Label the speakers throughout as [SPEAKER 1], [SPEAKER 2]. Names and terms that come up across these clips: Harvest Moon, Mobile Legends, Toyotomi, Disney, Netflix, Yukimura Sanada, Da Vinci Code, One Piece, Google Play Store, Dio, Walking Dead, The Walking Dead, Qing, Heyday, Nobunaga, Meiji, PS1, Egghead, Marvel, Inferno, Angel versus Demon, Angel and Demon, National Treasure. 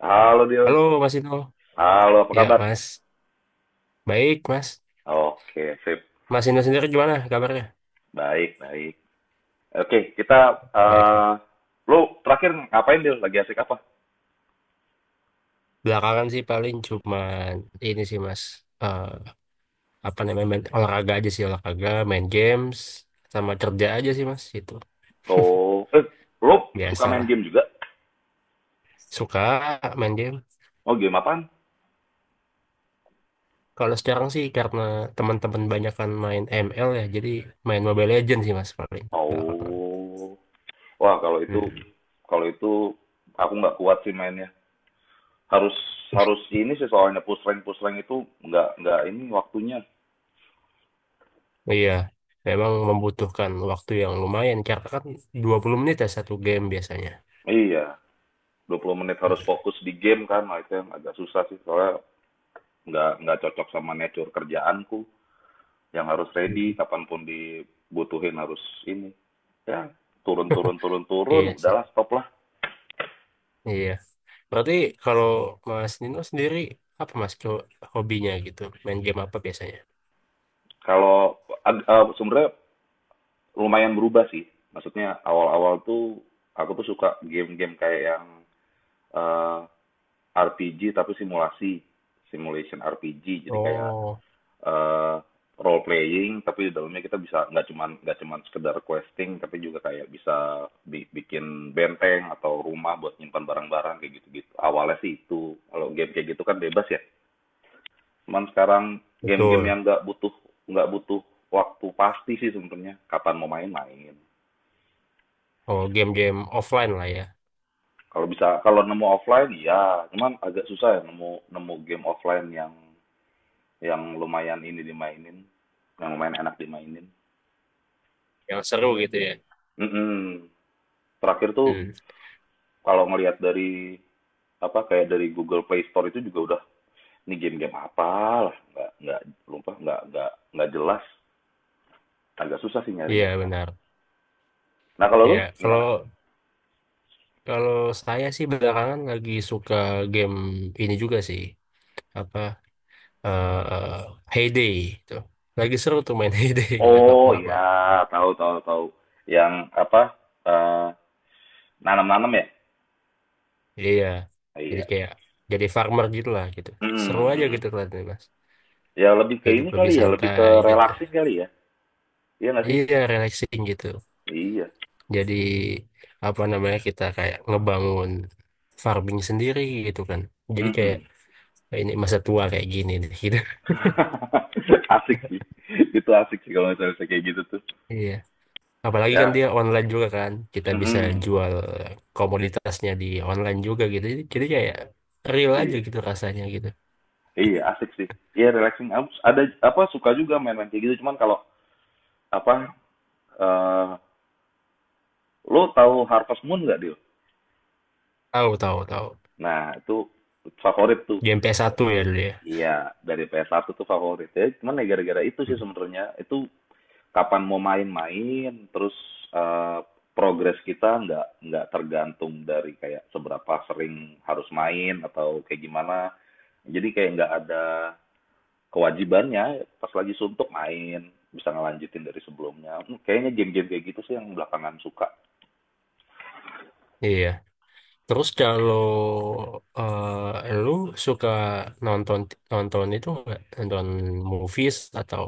[SPEAKER 1] Halo Dio.
[SPEAKER 2] Halo Mas Inu.
[SPEAKER 1] Halo, apa
[SPEAKER 2] Ya
[SPEAKER 1] kabar?
[SPEAKER 2] Mas. Baik Mas.
[SPEAKER 1] Oke, sip.
[SPEAKER 2] Mas Inu sendiri gimana kabarnya?
[SPEAKER 1] Baik, baik. Oke, kita
[SPEAKER 2] Baik lah.
[SPEAKER 1] eh lu terakhir ngapain, Dio? Lagi asik apa?
[SPEAKER 2] Belakangan sih paling cuman ini sih Mas. Eh, apa namanya main olahraga aja sih olahraga, main games, sama kerja aja sih Mas. Itu
[SPEAKER 1] Oh, lu suka main
[SPEAKER 2] biasalah.
[SPEAKER 1] game juga?
[SPEAKER 2] Suka main game.
[SPEAKER 1] Oh, game apaan?
[SPEAKER 2] Kalau sekarang sih karena teman-teman banyak kan main ML ya, jadi main Mobile Legends sih Mas paling belakangan.
[SPEAKER 1] Oh. Wah, kalau itu
[SPEAKER 2] Hmm.
[SPEAKER 1] kalau itu aku nggak kuat sih mainnya. Harus harus ini sih soalnya push rank itu nggak ini waktunya.
[SPEAKER 2] Iya. Memang membutuhkan waktu yang lumayan karena kan 20 menit ya satu game biasanya.
[SPEAKER 1] Iya, 20 menit harus
[SPEAKER 2] Hmm.
[SPEAKER 1] fokus di game kan, nah itu yang agak susah sih soalnya nggak cocok sama nature kerjaanku. Yang harus ready
[SPEAKER 2] Hmm.
[SPEAKER 1] kapanpun dibutuhin harus ini, ya turun turun turun turun
[SPEAKER 2] Iya sih.
[SPEAKER 1] udahlah stop lah.
[SPEAKER 2] Iya. Berarti kalau Mas Nino sendiri apa Mas hobinya gitu? Main game apa biasanya?
[SPEAKER 1] Sebenarnya lumayan berubah sih, maksudnya awal-awal tuh aku tuh suka game-game kayak yang eh, RPG tapi simulasi, simulation RPG, jadi kayak
[SPEAKER 2] Oh,
[SPEAKER 1] eh role playing tapi di dalamnya kita bisa, nggak cuman sekedar questing tapi juga kayak bisa bikin benteng atau rumah buat nyimpan barang-barang kayak gitu-gitu. Awalnya sih itu, kalau game kayak gitu kan bebas ya, cuman sekarang game-game yang
[SPEAKER 2] betul.
[SPEAKER 1] nggak butuh waktu pasti sih sebenarnya, kapan mau main-main.
[SPEAKER 2] Oh, game-game offline lah ya.
[SPEAKER 1] Kalau bisa, kalau nemu offline ya, cuman agak susah ya nemu nemu game offline yang lumayan ini dimainin, yang lumayan enak dimainin.
[SPEAKER 2] Yang seru gitu ya.
[SPEAKER 1] Mm-mm. Terakhir tuh
[SPEAKER 2] Hmm.
[SPEAKER 1] kalau ngelihat dari apa, kayak dari Google Play Store itu juga udah ini, game-game apa lah, nggak lupa, nggak jelas, agak susah sih nyarinya
[SPEAKER 2] Iya
[SPEAKER 1] sekarang.
[SPEAKER 2] benar.
[SPEAKER 1] Nah, kalau lu
[SPEAKER 2] Iya,
[SPEAKER 1] gimana?
[SPEAKER 2] kalau kalau saya sih belakangan lagi suka game ini juga sih. Apa eh Heyday itu. Lagi seru tuh main Heyday, nggak tahu
[SPEAKER 1] Oh
[SPEAKER 2] kenapa.
[SPEAKER 1] ya, tahu tahu tahu, yang apa, eh, nanam-nanam ya.
[SPEAKER 2] Iya.
[SPEAKER 1] Oh,
[SPEAKER 2] Jadi
[SPEAKER 1] iya.
[SPEAKER 2] kayak jadi farmer gitu lah gitu. Seru
[SPEAKER 1] Hmm,
[SPEAKER 2] aja
[SPEAKER 1] hmm.
[SPEAKER 2] gitu kelihatannya, Mas.
[SPEAKER 1] Ya, lebih ke
[SPEAKER 2] Hidup
[SPEAKER 1] ini kali
[SPEAKER 2] lebih
[SPEAKER 1] ya, lebih ke
[SPEAKER 2] santai gitu.
[SPEAKER 1] relaxing kali ya. Iya, nggak sih.
[SPEAKER 2] Iya, relaxing gitu.
[SPEAKER 1] Iya.
[SPEAKER 2] Jadi apa namanya kita kayak ngebangun farming sendiri gitu kan. Jadi kayak
[SPEAKER 1] Hmm,
[SPEAKER 2] ini masa tua kayak gini nih gitu.
[SPEAKER 1] asik sih, itu asik sih kalau misalnya kayak gitu tuh,
[SPEAKER 2] Iya. Apalagi kan
[SPEAKER 1] ya.
[SPEAKER 2] dia online juga kan. Kita
[SPEAKER 1] Hmm,
[SPEAKER 2] bisa
[SPEAKER 1] hmm.
[SPEAKER 2] jual komoditasnya di online juga gitu. Jadi kayak real aja
[SPEAKER 1] Iya.
[SPEAKER 2] gitu rasanya gitu.
[SPEAKER 1] Iya, asik sih. Iya, relaxing. Ada apa, suka juga main-main kayak gitu. Cuman kalau apa, eh lo tahu Harvest Moon nggak, Dil?
[SPEAKER 2] Tahu tahu tahu.
[SPEAKER 1] Nah, itu favorit tuh.
[SPEAKER 2] Game PS1 ya dulu ya.
[SPEAKER 1] Iya, dari PS1 tuh favorit ya. Cuman ya gara-gara itu sih
[SPEAKER 2] Hmm.
[SPEAKER 1] sebenarnya. Itu kapan mau main-main, terus eh, progres kita nggak tergantung dari kayak seberapa sering harus main atau kayak gimana. Jadi kayak nggak ada kewajibannya, pas lagi suntuk main bisa ngelanjutin dari sebelumnya. Hmm, kayaknya game-game kayak gitu sih yang belakangan suka.
[SPEAKER 2] Iya. Terus kalau lu suka nonton nonton itu nggak nonton movies atau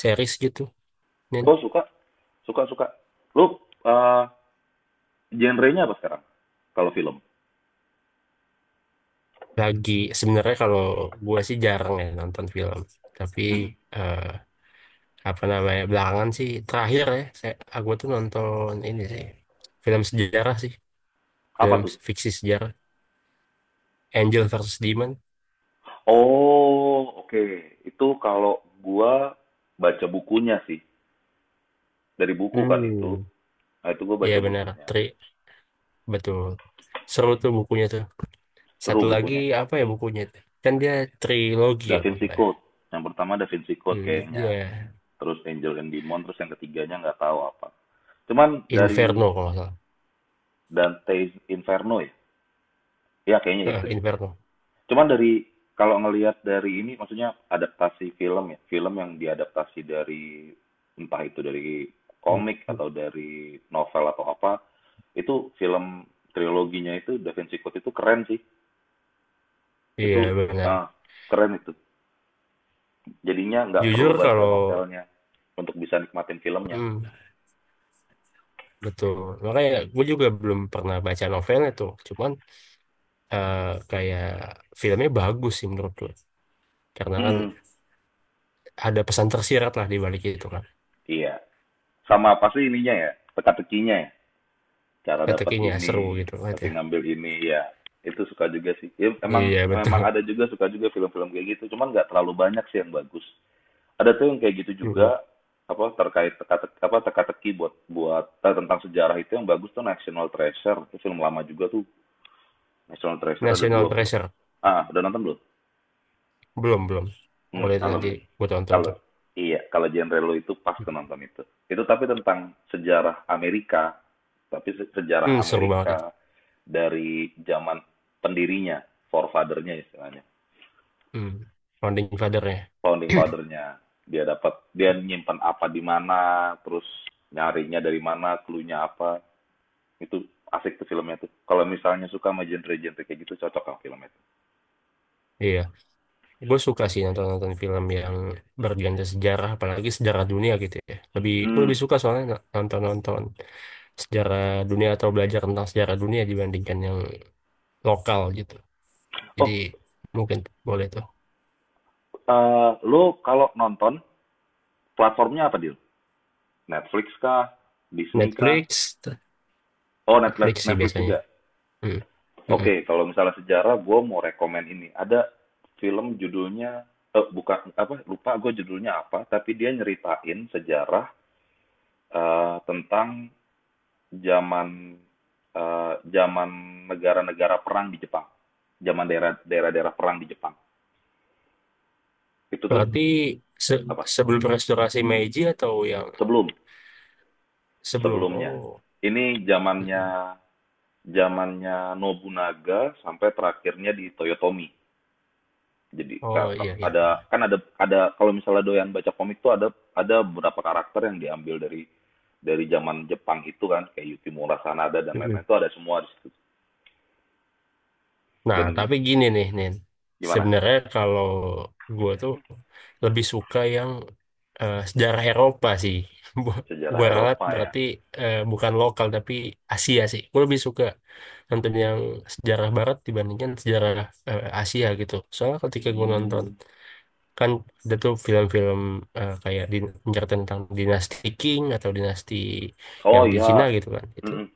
[SPEAKER 2] series gitu, Nin?
[SPEAKER 1] Oh, suka suka suka. Lu genre-nya apa sekarang, kalau film?
[SPEAKER 2] Lagi sebenarnya kalau gue sih jarang ya nonton film, tapi
[SPEAKER 1] Mm-mm.
[SPEAKER 2] eh, apa namanya belakangan sih terakhir ya, aku tuh nonton ini sih film sejarah sih,
[SPEAKER 1] Apa
[SPEAKER 2] film
[SPEAKER 1] tuh?
[SPEAKER 2] fiksi sejarah Angel versus Demon.
[SPEAKER 1] Oh, oke. Itu kalau gua baca bukunya sih, dari buku kan itu.
[SPEAKER 2] Hmm,
[SPEAKER 1] Nah, itu gua
[SPEAKER 2] iya
[SPEAKER 1] baca
[SPEAKER 2] benar,
[SPEAKER 1] bukunya,
[SPEAKER 2] Tri, betul. Seru tuh bukunya tuh. Satu
[SPEAKER 1] seru
[SPEAKER 2] lagi
[SPEAKER 1] bukunya.
[SPEAKER 2] apa ya bukunya itu? Kan dia trilogi
[SPEAKER 1] Da
[SPEAKER 2] ya kalau
[SPEAKER 1] Vinci
[SPEAKER 2] nggak salah. Ya.
[SPEAKER 1] Code yang pertama, Da Vinci Code
[SPEAKER 2] Hmm,
[SPEAKER 1] kayaknya,
[SPEAKER 2] dia
[SPEAKER 1] terus Angel and Demon, terus yang ketiganya nggak tahu apa, cuman
[SPEAKER 2] Inferno
[SPEAKER 1] dari,
[SPEAKER 2] kalau nggak salah.
[SPEAKER 1] dan Taste Inferno ya, ya kayaknya
[SPEAKER 2] Heeh,
[SPEAKER 1] itu deh.
[SPEAKER 2] Inferno.
[SPEAKER 1] Cuman dari, kalau ngelihat dari ini maksudnya adaptasi film ya, film yang diadaptasi dari, entah itu dari
[SPEAKER 2] Hmm,
[SPEAKER 1] komik
[SPEAKER 2] hmm.
[SPEAKER 1] atau dari novel atau apa, itu film triloginya itu Da Vinci Code itu keren sih. Itu
[SPEAKER 2] Iya benar.
[SPEAKER 1] ah keren itu, jadinya nggak perlu
[SPEAKER 2] Jujur
[SPEAKER 1] baca
[SPEAKER 2] kalau
[SPEAKER 1] novelnya untuk bisa nikmatin filmnya.
[SPEAKER 2] hmm, betul. Makanya gue juga belum pernah baca novelnya tuh. Cuman eh, kayak filmnya bagus sih menurut gue. Karena kan
[SPEAKER 1] Hmm,
[SPEAKER 2] ada pesan tersirat lah di balik itu kan.
[SPEAKER 1] iya, sama pasti ininya ya, teka-tekinya ya, cara
[SPEAKER 2] Kata
[SPEAKER 1] dapat
[SPEAKER 2] seru
[SPEAKER 1] ini,
[SPEAKER 2] gitu kan
[SPEAKER 1] pasti
[SPEAKER 2] ya.
[SPEAKER 1] ngambil ini ya. Itu suka juga sih. Ya, emang
[SPEAKER 2] Iya
[SPEAKER 1] memang
[SPEAKER 2] betul.
[SPEAKER 1] ada juga, suka juga film-film kayak gitu, cuman nggak terlalu banyak sih yang bagus. Ada tuh yang kayak gitu
[SPEAKER 2] Mm-mm.
[SPEAKER 1] juga, apa terkait teka-teki, apa teka-teki buat buat eh, tentang sejarah, itu yang bagus tuh National Treasure, itu film lama juga tuh. National Treasure ada dua
[SPEAKER 2] National
[SPEAKER 1] filmnya,
[SPEAKER 2] Treasure
[SPEAKER 1] udah nonton belum?
[SPEAKER 2] belum belum. Boleh
[SPEAKER 1] Hmm,
[SPEAKER 2] itu
[SPEAKER 1] kalau
[SPEAKER 2] nanti gue tonton
[SPEAKER 1] Kalau
[SPEAKER 2] tuh.
[SPEAKER 1] iya, kalau genre lo itu, pas
[SPEAKER 2] Hmm,
[SPEAKER 1] tuh nonton itu. Itu tapi tentang sejarah Amerika, tapi
[SPEAKER 2] hmm,
[SPEAKER 1] sejarah
[SPEAKER 2] seru banget itu.
[SPEAKER 1] Amerika dari zaman pendirinya, forefather-nya istilahnya,
[SPEAKER 2] Hmm. Founding Father-nya.
[SPEAKER 1] founding father-nya. Dia nyimpan apa di mana, terus nyarinya dari mana, clue-nya apa. Itu asik tuh filmnya tuh. Kalau misalnya suka sama genre-genre kayak gitu, cocok kan filmnya tuh.
[SPEAKER 2] Iya. Gue suka sih nonton-nonton film yang bergenre sejarah, apalagi sejarah dunia gitu ya. Lebih, gue
[SPEAKER 1] Hmm.
[SPEAKER 2] lebih suka soalnya nonton-nonton sejarah dunia atau belajar tentang sejarah dunia dibandingkan yang lokal gitu. Jadi
[SPEAKER 1] Oh,
[SPEAKER 2] mungkin boleh tuh.
[SPEAKER 1] lu kalau nonton platformnya apa, Dil? Netflix kah? Disney kah?
[SPEAKER 2] Netflix,
[SPEAKER 1] Oh, Netflix,
[SPEAKER 2] Netflix sih
[SPEAKER 1] Netflix
[SPEAKER 2] biasanya.
[SPEAKER 1] juga.
[SPEAKER 2] Hmm. Mm-mm.
[SPEAKER 1] Oke, kalau misalnya sejarah, gue mau rekomen ini. Ada film judulnya, bukan apa, lupa gue judulnya apa, tapi dia nyeritain sejarah, tentang zaman, zaman negara-negara perang di Jepang, zaman daerah-daerah perang di Jepang. Itu tuh
[SPEAKER 2] Berarti se-
[SPEAKER 1] apa?
[SPEAKER 2] sebelum restorasi Meiji atau yang
[SPEAKER 1] Sebelum
[SPEAKER 2] sebelum?
[SPEAKER 1] Sebelumnya.
[SPEAKER 2] Oh,
[SPEAKER 1] Ini zamannya
[SPEAKER 2] Mm-mm.
[SPEAKER 1] zamannya Nobunaga sampai terakhirnya di Toyotomi. Jadi
[SPEAKER 2] Oh iya iya.
[SPEAKER 1] ada kan, ada kalau misalnya doyan baca komik tuh, ada beberapa karakter yang diambil dari zaman Jepang itu kan, kayak Yukimura Sanada dan
[SPEAKER 2] Hmm, hmm.
[SPEAKER 1] lain-lain, itu ada semua di situ.
[SPEAKER 2] Nah,
[SPEAKER 1] Dan
[SPEAKER 2] tapi gini nih, Nin.
[SPEAKER 1] gimana,
[SPEAKER 2] Sebenarnya kalau gue tuh lebih suka yang sejarah Eropa sih.
[SPEAKER 1] sejarah
[SPEAKER 2] Gue ralat
[SPEAKER 1] Eropa ya.
[SPEAKER 2] berarti bukan lokal tapi Asia sih. Gue lebih suka nonton yang sejarah Barat dibandingkan sejarah Asia gitu. Soalnya ketika gue nonton
[SPEAKER 1] Hmm.
[SPEAKER 2] kan ada tuh film-film kayak di, menceritakan tentang dinasti Qing atau dinasti
[SPEAKER 1] Oh
[SPEAKER 2] yang di Cina
[SPEAKER 1] ya.
[SPEAKER 2] gitu kan. Itu
[SPEAKER 1] Mm-mm.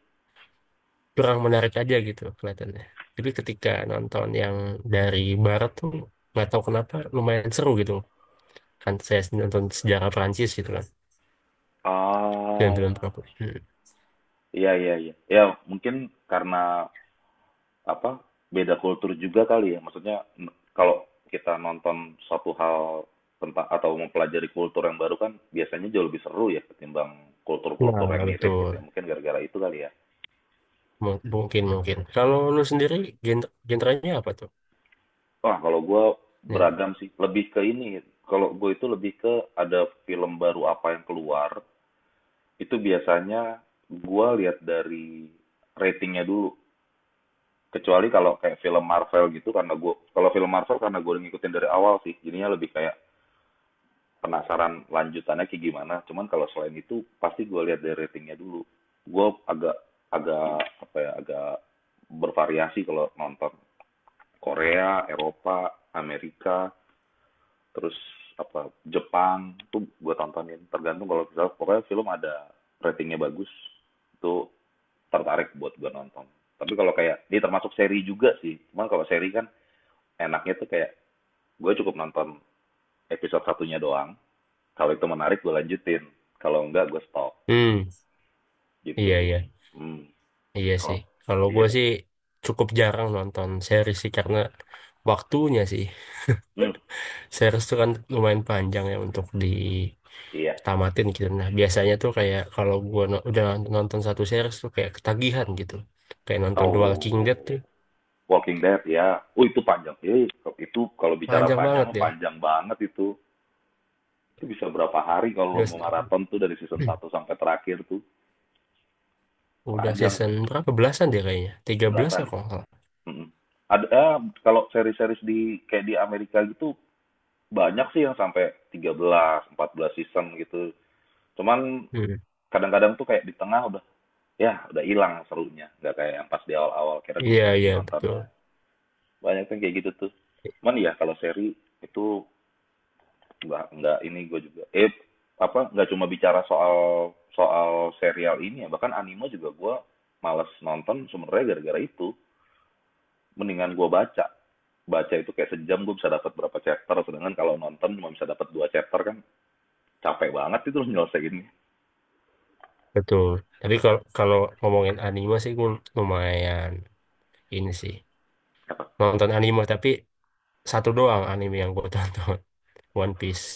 [SPEAKER 2] kurang menarik aja gitu kelihatannya. Jadi ketika nonton yang dari barat tuh nggak tahu kenapa lumayan seru gitu kan saya nonton sejarah Prancis gitu kan
[SPEAKER 1] Ah,
[SPEAKER 2] film-film Prancis. Hmm.
[SPEAKER 1] iya iya iya, ya mungkin karena apa, beda kultur juga kali ya, maksudnya, kalau kita nonton suatu hal tentang atau mempelajari kultur yang baru kan biasanya jauh lebih seru ya ketimbang kultur-kultur
[SPEAKER 2] Nah
[SPEAKER 1] yang mirip
[SPEAKER 2] betul
[SPEAKER 1] gitu ya, mungkin gara-gara itu kali ya.
[SPEAKER 2] Mu- mungkin mungkin. Kalau lu sendiri genrenya apa tuh?
[SPEAKER 1] Wah, kalau gue
[SPEAKER 2] Nen?
[SPEAKER 1] beragam sih, lebih ke ini, kalau gue itu lebih ke, ada film baru apa yang keluar itu biasanya gue lihat dari ratingnya dulu, kecuali kalau kayak film Marvel gitu, karena gue, kalau film Marvel karena gue ngikutin dari awal sih, jadinya lebih kayak penasaran lanjutannya kayak gimana. Cuman kalau selain itu pasti gue lihat dari ratingnya dulu. Gue agak, apa ya, agak bervariasi kalau nonton, Korea, Eropa, Amerika, terus apa, Jepang tuh gue tontonin. Tergantung kalau misal, pokoknya film ada ratingnya bagus, itu tertarik buat gue nonton. Tapi kalau kayak ini termasuk seri juga sih, cuman kalau seri kan enaknya tuh kayak, gue cukup nonton episode satunya doang, kalau itu menarik gue lanjutin, kalau enggak gue stop
[SPEAKER 2] Hmm
[SPEAKER 1] gitu.
[SPEAKER 2] iya iya
[SPEAKER 1] Hmm.
[SPEAKER 2] iya
[SPEAKER 1] Kalau,
[SPEAKER 2] sih. Kalau
[SPEAKER 1] iya.
[SPEAKER 2] gue
[SPEAKER 1] Dok.
[SPEAKER 2] sih cukup jarang nonton seri sih karena waktunya sih.
[SPEAKER 1] Hmm,
[SPEAKER 2] Series tuh kan lumayan panjang ya untuk
[SPEAKER 1] iya.
[SPEAKER 2] ditamatin gitu. Nah, biasanya tuh kayak kalau gua udah nonton satu series tuh kayak ketagihan gitu. Kayak nonton The Walking Dead tuh
[SPEAKER 1] Oh. Walking Dead ya, oh itu panjang, itu kalau bicara
[SPEAKER 2] panjang
[SPEAKER 1] panjang
[SPEAKER 2] banget
[SPEAKER 1] mah,
[SPEAKER 2] ya.
[SPEAKER 1] panjang banget itu. Itu bisa berapa hari kalau lo
[SPEAKER 2] Udah,
[SPEAKER 1] mau maraton tuh, dari season satu sampai terakhir tuh,
[SPEAKER 2] udah
[SPEAKER 1] panjang
[SPEAKER 2] season
[SPEAKER 1] kan.
[SPEAKER 2] berapa belasan dia kayaknya? 13 ya
[SPEAKER 1] Belasan
[SPEAKER 2] kalau
[SPEAKER 1] itu.
[SPEAKER 2] nggak salah.
[SPEAKER 1] Mm-mm. Ada kalau seri-seri di kayak di Amerika gitu, banyak sih yang sampai 13, 14 season gitu, cuman
[SPEAKER 2] Hmm.
[SPEAKER 1] kadang-kadang tuh kayak di tengah udah, ya udah hilang serunya, nggak kayak yang pas di awal-awal, kira gue
[SPEAKER 2] Iya,
[SPEAKER 1] berhenti
[SPEAKER 2] iya, betul.
[SPEAKER 1] nontonnya, banyak kan kayak gitu tuh. Cuman ya kalau seri itu, nggak ini gue juga, apa, nggak cuma bicara soal soal serial ini ya, bahkan anime juga gue malas nonton sebenarnya gara-gara itu. Mendingan gue baca, itu kayak sejam gue bisa dapat berapa chapter, sedangkan kalau nonton cuma bisa dapat 2 chapter kan, capek banget itu lo nyelesainnya.
[SPEAKER 2] Betul. Tapi kalau kalau ngomongin anime sih gue lumayan ini sih. Nonton anime tapi satu doang anime yang gue tonton, One Piece.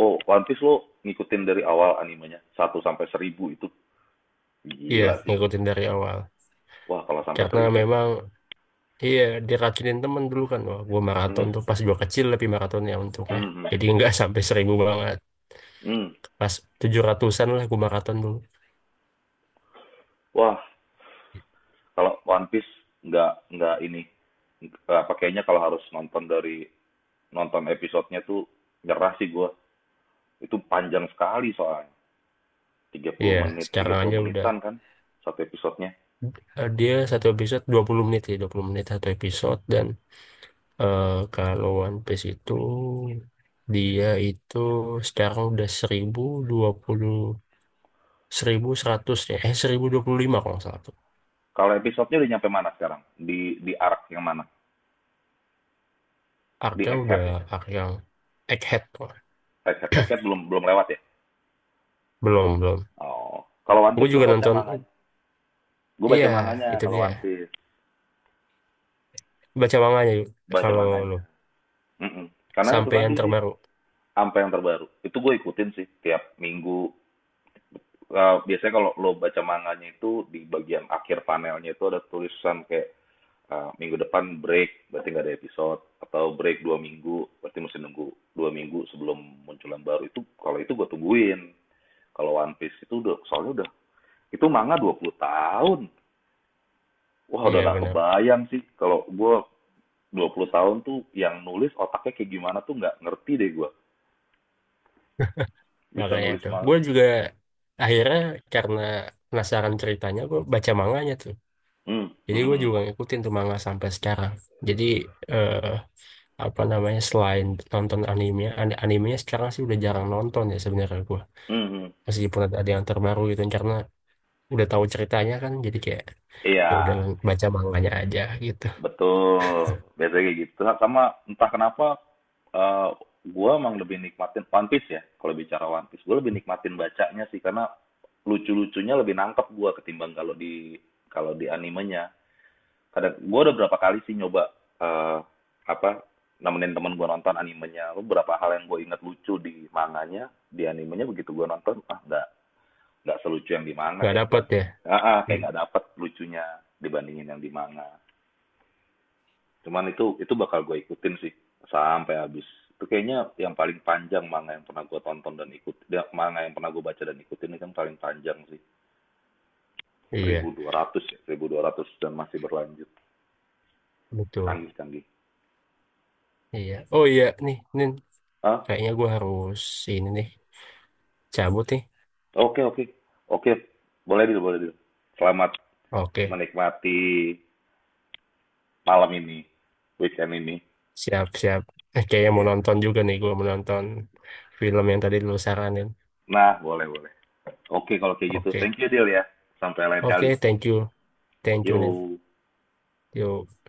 [SPEAKER 1] Oh, One Piece lo ngikutin dari awal animenya satu sampai 1000 itu?
[SPEAKER 2] Iya,
[SPEAKER 1] Gila sih.
[SPEAKER 2] ngikutin dari awal.
[SPEAKER 1] Wah, kalau sampai
[SPEAKER 2] Karena
[SPEAKER 1] 1000.
[SPEAKER 2] memang iya, diracunin temen dulu kan. Wah, gue
[SPEAKER 1] Mhm,
[SPEAKER 2] maraton tuh pas gue kecil lebih maraton ya untungnya.
[SPEAKER 1] mhm,
[SPEAKER 2] Jadi nggak sampai seribu banget.
[SPEAKER 1] mhm.
[SPEAKER 2] Pas tujuh ratusan lah gue maraton dulu.
[SPEAKER 1] Wah, kalau One Piece nggak ini. Apa, kayaknya kalau harus nonton dari, nonton episodenya tuh nyerah sih gua. Itu panjang sekali soalnya. tiga puluh
[SPEAKER 2] Iya,
[SPEAKER 1] menit, tiga
[SPEAKER 2] sekarang
[SPEAKER 1] puluh
[SPEAKER 2] aja udah.
[SPEAKER 1] menitan kan satu episodenya.
[SPEAKER 2] Dia satu episode 20 menit ya, 20 menit satu episode. Dan eh, kalau One Piece itu, dia itu sekarang udah 1.020 1.100 ya. Eh, 1.025 kalau nggak salah tuh.
[SPEAKER 1] Kalau episodenya udah nyampe mana sekarang? Di arc yang mana? Di
[SPEAKER 2] Arc-nya udah
[SPEAKER 1] Egghead ya?
[SPEAKER 2] arc yang Egghead tuh.
[SPEAKER 1] Egghead, Egghead belum belum lewat ya?
[SPEAKER 2] Belum, belum.
[SPEAKER 1] Oh, kalau One
[SPEAKER 2] Gue
[SPEAKER 1] Piece gua
[SPEAKER 2] juga
[SPEAKER 1] baca
[SPEAKER 2] nonton,
[SPEAKER 1] manganya. Gua
[SPEAKER 2] iya,
[SPEAKER 1] baca manganya,
[SPEAKER 2] itu
[SPEAKER 1] kalau
[SPEAKER 2] dia.
[SPEAKER 1] One Piece
[SPEAKER 2] Baca manganya yuk,
[SPEAKER 1] baca
[SPEAKER 2] kalau lu
[SPEAKER 1] manganya. Mm-mm. Karena itu
[SPEAKER 2] sampai yang
[SPEAKER 1] tadi sih.
[SPEAKER 2] terbaru.
[SPEAKER 1] Sampai yang terbaru. Itu gue ikutin sih tiap minggu. Biasanya kalau lo baca manganya itu di bagian akhir panelnya itu ada tulisan kayak, minggu depan break, berarti nggak ada episode, atau break 2 minggu berarti mesti nunggu 2 minggu sebelum munculan baru itu, kalau itu gue tungguin. Kalau One Piece itu udah, soalnya udah itu manga 20 tahun. Wah, udah
[SPEAKER 2] Iya
[SPEAKER 1] nggak
[SPEAKER 2] benar.
[SPEAKER 1] kebayang sih, kalau gue 20 tahun tuh yang nulis otaknya kayak gimana tuh, nggak ngerti deh gue bisa
[SPEAKER 2] Makanya
[SPEAKER 1] nulis
[SPEAKER 2] itu.
[SPEAKER 1] manga.
[SPEAKER 2] Gue juga akhirnya karena penasaran ceritanya, gue baca manganya tuh.
[SPEAKER 1] Hmm,
[SPEAKER 2] Jadi
[SPEAKER 1] hmm,
[SPEAKER 2] gue
[SPEAKER 1] hmm,
[SPEAKER 2] juga ngikutin tuh manga sampai sekarang. Jadi eh, apa namanya selain nonton anime, animenya sekarang sih udah jarang nonton ya sebenarnya gue.
[SPEAKER 1] hmm, hmm.
[SPEAKER 2] Meskipun ada yang terbaru gitu karena udah tahu ceritanya kan, jadi kayak ya udah
[SPEAKER 1] Iya,
[SPEAKER 2] baca manganya aja gitu.
[SPEAKER 1] betul. Biasanya kayak gitu. Nah, sama, entah kenapa eh gue emang lebih nikmatin One Piece ya. Kalau bicara One Piece, gue lebih nikmatin bacanya sih, karena lucu-lucunya lebih nangkep gue ketimbang kalau di, animenya. Kadang gue udah berapa kali sih nyoba eh apa, nemenin temen gue nonton animenya. Beberapa hal yang gue inget lucu di manganya, di animenya begitu gue nonton, nggak, selucu yang di manga,
[SPEAKER 2] Nggak
[SPEAKER 1] kayak gak,
[SPEAKER 2] dapet ya. Hmm,
[SPEAKER 1] kayak nggak dapet lucunya dibandingin yang di manga. Cuman itu, bakal gue ikutin sih sampai habis. Itu kayaknya yang paling panjang manga yang pernah gue tonton dan ikut. Ya, manga yang pernah gue baca dan ikutin itu kan paling panjang sih.
[SPEAKER 2] iya,
[SPEAKER 1] 1200 ya, 1200 dan masih berlanjut.
[SPEAKER 2] betul.
[SPEAKER 1] Canggih-canggih.
[SPEAKER 2] Iya. Oh iya, nih, nih
[SPEAKER 1] ah
[SPEAKER 2] kayaknya gue harus ini nih cabut nih.
[SPEAKER 1] Oke, oke. Oke, boleh dulu, boleh dulu. Selamat
[SPEAKER 2] Oke,
[SPEAKER 1] menikmati malam ini, weekend ini.
[SPEAKER 2] siap-siap. Eh, kayaknya mau
[SPEAKER 1] Iya.
[SPEAKER 2] nonton juga nih, gue mau nonton film yang tadi lu saranin.
[SPEAKER 1] Nah, boleh, boleh. Oke, kalau kayak gitu.
[SPEAKER 2] Oke,
[SPEAKER 1] Thank you, Dil ya. Sampai lain kali.
[SPEAKER 2] oke, thank you, Nin.
[SPEAKER 1] Yo.
[SPEAKER 2] Yuk.